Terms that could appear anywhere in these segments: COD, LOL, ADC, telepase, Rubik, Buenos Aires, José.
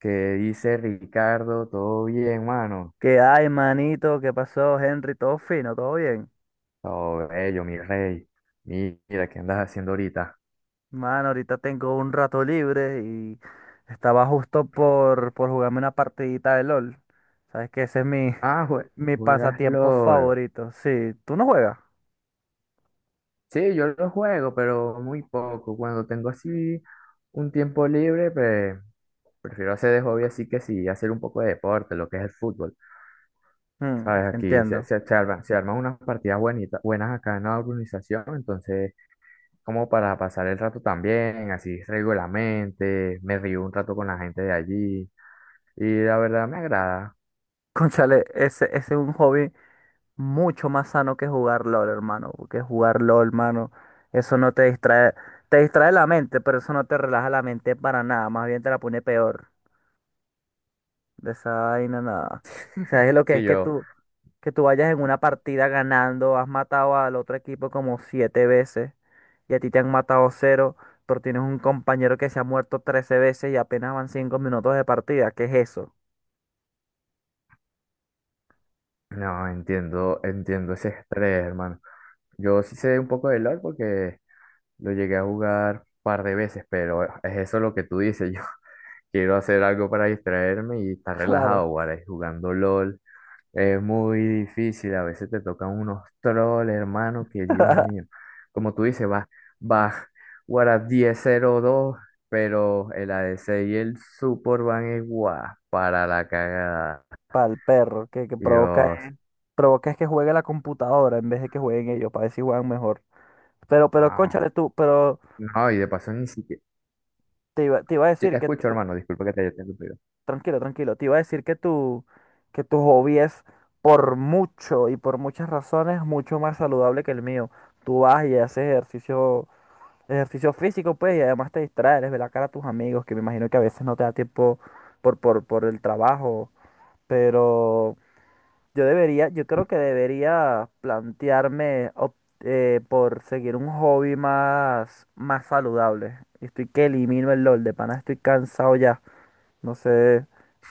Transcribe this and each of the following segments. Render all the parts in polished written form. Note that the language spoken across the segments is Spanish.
Que dice Ricardo? ¿Todo bien, mano? ¿Qué hay, manito? ¿Qué pasó, Henry? ¿Todo fino? ¿Todo bien? Todo bello, mi rey. Mira, ¿qué andas haciendo ahorita? Mano, ahorita tengo un rato libre y estaba justo por jugarme una partidita de LOL. ¿Sabes que Ah, mi juegas pasatiempo LOL. favorito. Sí, ¿tú no juegas? Sí, yo lo juego, pero muy poco. Cuando tengo así un tiempo libre, pues prefiero hacer de hobby así que sí, hacer un poco de deporte, lo que es el fútbol. Mm, ¿Sabes? Aquí entiendo. Se arman unas partidas buenitas, buenas acá en la organización, entonces como para pasar el rato también, así regularmente, me río un rato con la gente de allí. Y la verdad me agrada. Cónchale, ese es un hobby mucho más sano que jugar LOL, hermano. Porque jugar LOL, hermano, eso no te distrae. Te distrae la mente, pero eso no te relaja la mente para nada. Más bien te la pone peor. De esa vaina, nada. ¿Sabes lo que Sí, es que yo que tú vayas en una partida ganando, has matado al otro equipo como siete veces y a ti te han matado cero, pero tienes un compañero que se ha muerto trece veces y apenas van cinco minutos de partida? ¿Qué es eso? no entiendo, entiendo ese estrés, hermano. Yo sí sé un poco de LOL porque lo llegué a jugar un par de veces, pero es eso lo que tú dices. Yo quiero hacer algo para distraerme y estar Claro, relajado, guaray, jugando LOL. Es muy difícil, a veces te tocan unos trolls, hermano, que Dios mío. Como tú dices, vas, guara 10-0-2, pero el ADC y el support van igual para la cagada. para el perro, que provoca, Dios, provoca es que juegue la computadora en vez de que jueguen ellos, para ver si juegan mejor. No, Cónchale tú, pero no, y de paso ni siquiera. Te iba a Sí, te decir que escucho, tú. hermano, disculpa que te haya interrumpido. Tranquilo, tranquilo. Te iba a decir que que tu hobby es por mucho y por muchas razones mucho más saludable que el mío. Tú vas y haces ejercicio, ejercicio físico, pues, y además te distraes, les ves la cara a tus amigos, que me imagino que a veces no te da tiempo por el trabajo. Pero yo creo que debería plantearme por seguir un hobby más saludable. Y estoy que elimino el LOL, de pana estoy cansado ya. No sé,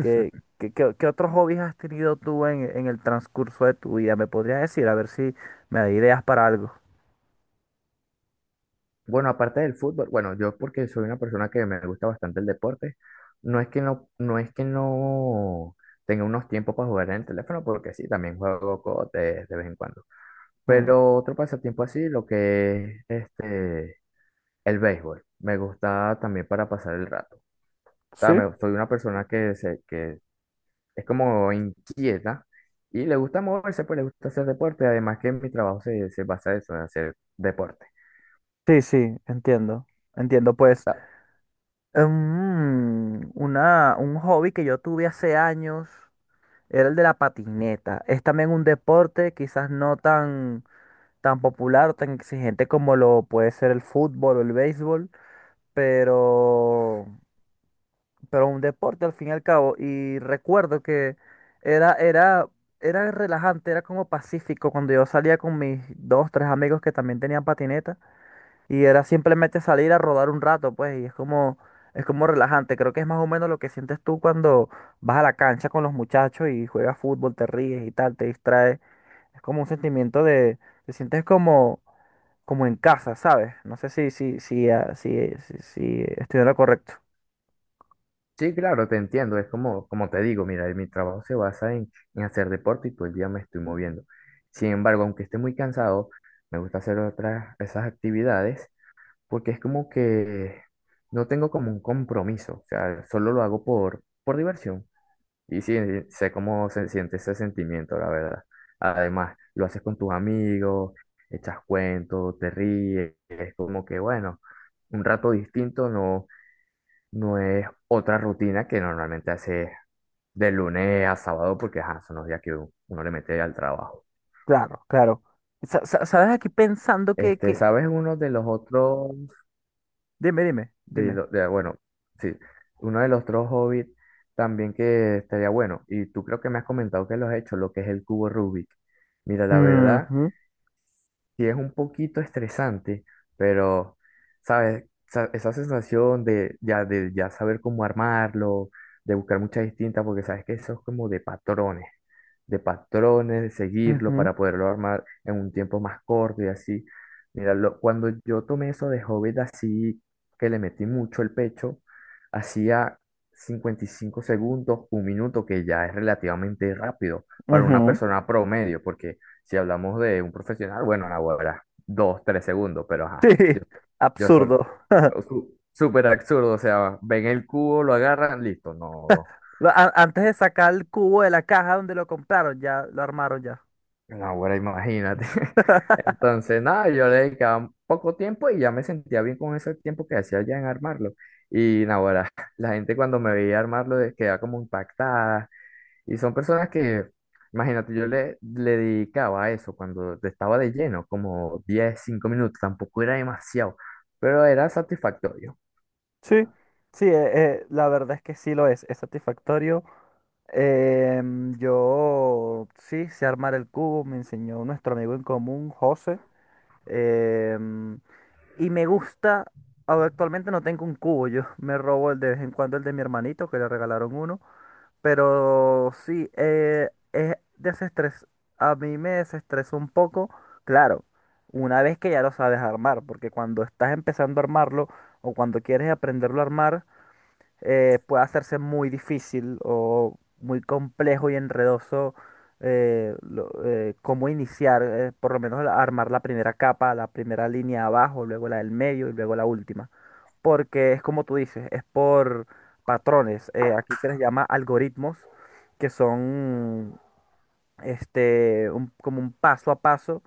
¿ qué otros hobbies has tenido tú en el transcurso de tu vida? ¿Me podrías decir? A ver si me da ideas para algo. Bueno, aparte del fútbol, bueno, yo porque soy una persona que me gusta bastante el deporte, no es que no tenga unos tiempos para jugar en el teléfono, porque sí, también juego COD de vez en cuando. Mm, Pero otro pasatiempo así, lo que es este, el béisbol, me gusta también para pasar el rato. O sea, sí, soy una persona que, se, que es como inquieta y le gusta moverse, pues le gusta hacer deporte, además que mi trabajo se basa en eso, en hacer deporte. sí, sí, entiendo. Entiendo, pues. Ta- Un hobby que yo tuve hace años era el de la patineta. Es también un deporte quizás no tan popular, tan exigente como lo puede ser el fútbol o el béisbol, pero... pero un deporte al fin y al cabo. Y recuerdo que era, era, era relajante, era como pacífico cuando yo salía con mis dos, tres amigos que también tenían patineta. Y era simplemente salir a rodar un rato, pues, y es como relajante. Creo que es más o menos lo que sientes tú cuando vas a la cancha con los muchachos y juegas fútbol, te ríes y tal, te distraes. Es como un sentimiento de, te sientes como, como en casa, ¿sabes? No sé si estoy en lo correcto. Sí, claro, te entiendo, es como, como te digo, mira, mi trabajo se basa en hacer deporte y todo el día me estoy moviendo. Sin embargo, aunque esté muy cansado, me gusta hacer otras, esas actividades porque es como que no tengo como un compromiso, o sea, solo lo hago por diversión. Y sí, sí, sé cómo se siente ese sentimiento, la verdad. Además, lo haces con tus amigos, echas cuentos, te ríes, es como que, bueno, un rato distinto no, no es otra rutina que normalmente haces de lunes a sábado, porque ajá, son los días que uno le mete al trabajo. Claro, claro. ¿Sabes? Aquí pensando Este, que... ¿sabes uno de los otros, Dime, dime, dime. Bueno, sí, uno de los otros hobbies también que estaría bueno, y tú creo que me has comentado que lo has hecho, lo que es el cubo Rubik. Mira, la verdad. Ujú, Sí, es un poquito estresante, pero, ¿sabes? Esa sensación de ya saber cómo armarlo, de buscar muchas distintas, porque sabes que eso es como de patrones, de seguirlo ujú, para poderlo armar en un tiempo más corto y así. Mira, cuando yo tomé eso de Hobbit así, que le metí mucho el pecho, hacía 55 segundos, un minuto, que ya es relativamente rápido para una ujú. persona promedio, porque si hablamos de un profesional, bueno, ahora 2, 3 segundos, pero ajá, Sí, yo solo. absurdo. Súper absurdo, o sea, ven el cubo, lo agarran, listo, no, Lo- a- Antes de sacar el cubo de la caja donde lo compraron, ya lo armaron ya. ahora imagínate. Entonces, nada, yo le dedicaba poco tiempo y ya me sentía bien con ese tiempo que hacía ya en armarlo. Y nada, ahora la gente cuando me veía armarlo quedaba como impactada. Y son personas que, imagínate, yo le dedicaba a eso cuando estaba de lleno, como 10 5 minutos, tampoco era demasiado, pero era satisfactorio. Sí, sí, la verdad es que sí lo es satisfactorio. Em, yo sí sé armar el cubo, me enseñó nuestro amigo en común, José. Em, y me gusta, ahora actualmente no tengo un cubo, yo me robo el de vez en cuando el de mi hermanito, que le regalaron uno, pero sí, es desestrés, a mí me desestresó un poco, claro, una vez que ya lo sabes armar, porque cuando estás empezando a armarlo o cuando quieres aprenderlo a armar, puede hacerse muy difícil o muy complejo y enredoso cómo iniciar, por lo menos armar la primera capa, la primera línea abajo, luego la del medio y luego la última. Porque es como tú dices, es por patrones. Eh, aquí se les llama algoritmos, que son este, como un paso a paso,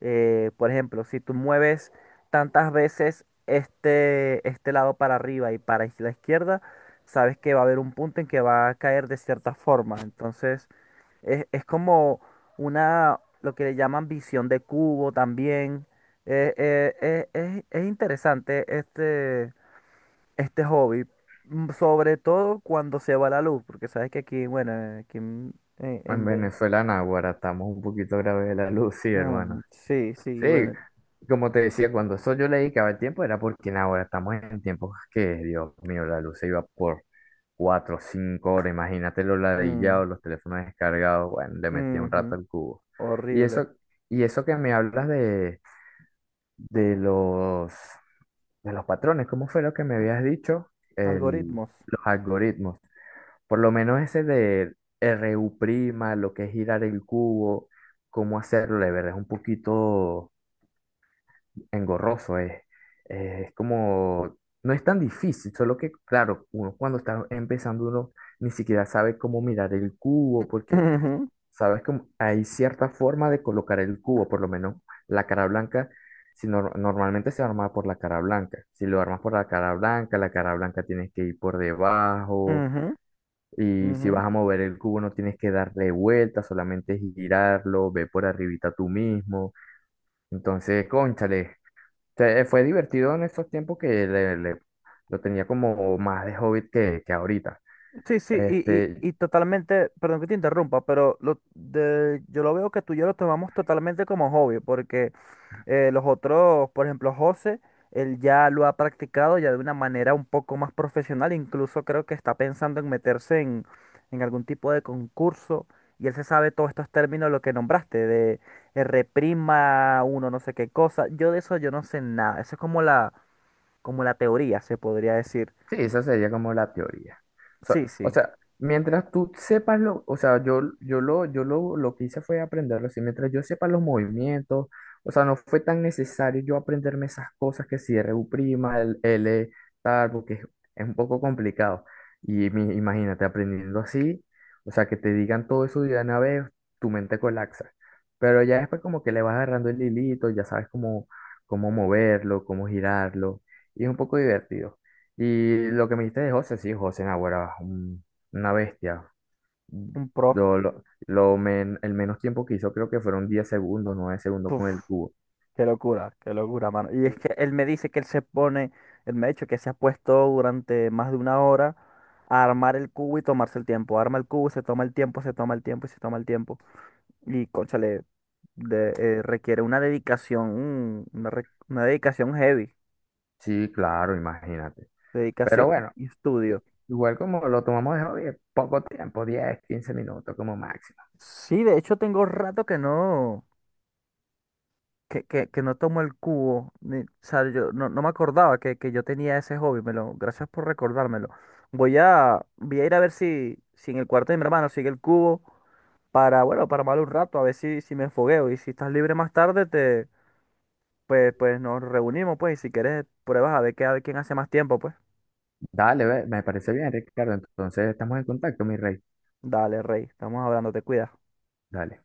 por ejemplo, si tú mueves tantas veces este lado para arriba y para la izquierda, sabes que va a haber un punto en que va a caer de cierta forma. Entonces, es como una, lo que le llaman visión de cubo también. Es interesante este hobby, mm, sobre todo cuando se va la luz, porque sabes que aquí, bueno, En en Ve-. Venezuela, Naguará, estamos un poquito graves de la luz, sí, Mm, hermano. sí, sí, Sí, bueno. como te decía, cuando eso yo le dedicaba el tiempo era porque ahora estamos en tiempos que, Dios mío, la luz se iba por 4, 5 horas, imagínate los Mm, ladillados, los teléfonos descargados, bueno, le metía un ujú. rato al cubo. Y Horrible. eso, y eso que me hablas de de los, de los patrones. ¿Cómo fue lo que me habías dicho? El, Algoritmos. los algoritmos. Por lo menos ese de RU prima, lo que es girar el cubo, cómo hacerlo, de verdad es un poquito engorroso. Es como, no es tan difícil, solo que, claro, uno cuando está empezando, uno ni siquiera sabe cómo mirar el cubo, porque Ujú, ¿sabes? Como hay cierta forma de colocar el cubo, por lo menos la cara blanca, si normalmente se arma por la cara blanca. Si lo armas por la cara blanca tienes que ir por debajo ujú, y si ujú. vas a mover el cubo no tienes que darle vuelta, solamente girarlo, ve por arribita tú mismo. Entonces, cónchale, fue divertido en estos tiempos que lo tenía como más de hobbit que ahorita. Sí, sí, Este, y totalmente, perdón que te interrumpa, pero lo de, yo lo veo que tú y yo lo tomamos totalmente como hobby, porque los otros, por ejemplo, José, él ya lo ha practicado ya de una manera un poco más profesional, incluso creo que está pensando en meterse en algún tipo de concurso, y él se sabe todos estos términos, lo que nombraste, de reprima uno, no sé qué cosa, yo de eso yo no sé nada, eso es como la teoría, se podría decir. sí, esa sería como la teoría. Sí, O sí, sea, mientras tú sepas lo, o sea, lo que hice fue aprenderlo, así, mientras yo sepa los movimientos, o sea, no fue tan necesario yo aprenderme esas cosas que si R u prima, el L, tal, porque es un poco complicado. Y imagínate aprendiendo así, o sea, que te digan todo eso de una vez, tu mente colapsa. Pero ya después como que le vas agarrando el hilito, ya sabes cómo, cómo moverlo, cómo girarlo, y es un poco divertido. Y lo que me dijiste de José, sí, José Naguará, una bestia. un pro. El menos tiempo que hizo creo que fueron 10 segundos, 9 segundos Puf, con el cubo. Qué locura, mano. Y es Sí, que él me dice que él me ha dicho que se ha puesto durante más de una hora a armar el cubo y tomarse el tiempo. Arma el cubo, se toma el tiempo, se toma el tiempo y se toma el tiempo. Y, cónchale, requiere una dedicación, mm, una dedicación heavy, sí, claro, imagínate. dedicación Pero y bueno, estudio. igual como lo tomamos de hobby, poco tiempo, 10 15 minutos como máximo. Sí, de hecho tengo rato que no, que no tomo el cubo, ni- o sea, yo no, no me acordaba que yo tenía ese hobby, me lo, gracias por recordármelo. Voy a ir a ver si, si en el cuarto de mi hermano sigue el cubo para, bueno, para mal un rato, a ver si, si me fogueo. Y si estás libre más tarde, te, pues, pues nos reunimos, pues, y si quieres pruebas a ver qué, a ver quién hace más tiempo, pues. Dale, ve, me parece bien, Ricardo. Entonces estamos en contacto, mi rey. Dale, Rey, estamos hablando, te cuidas. Dale.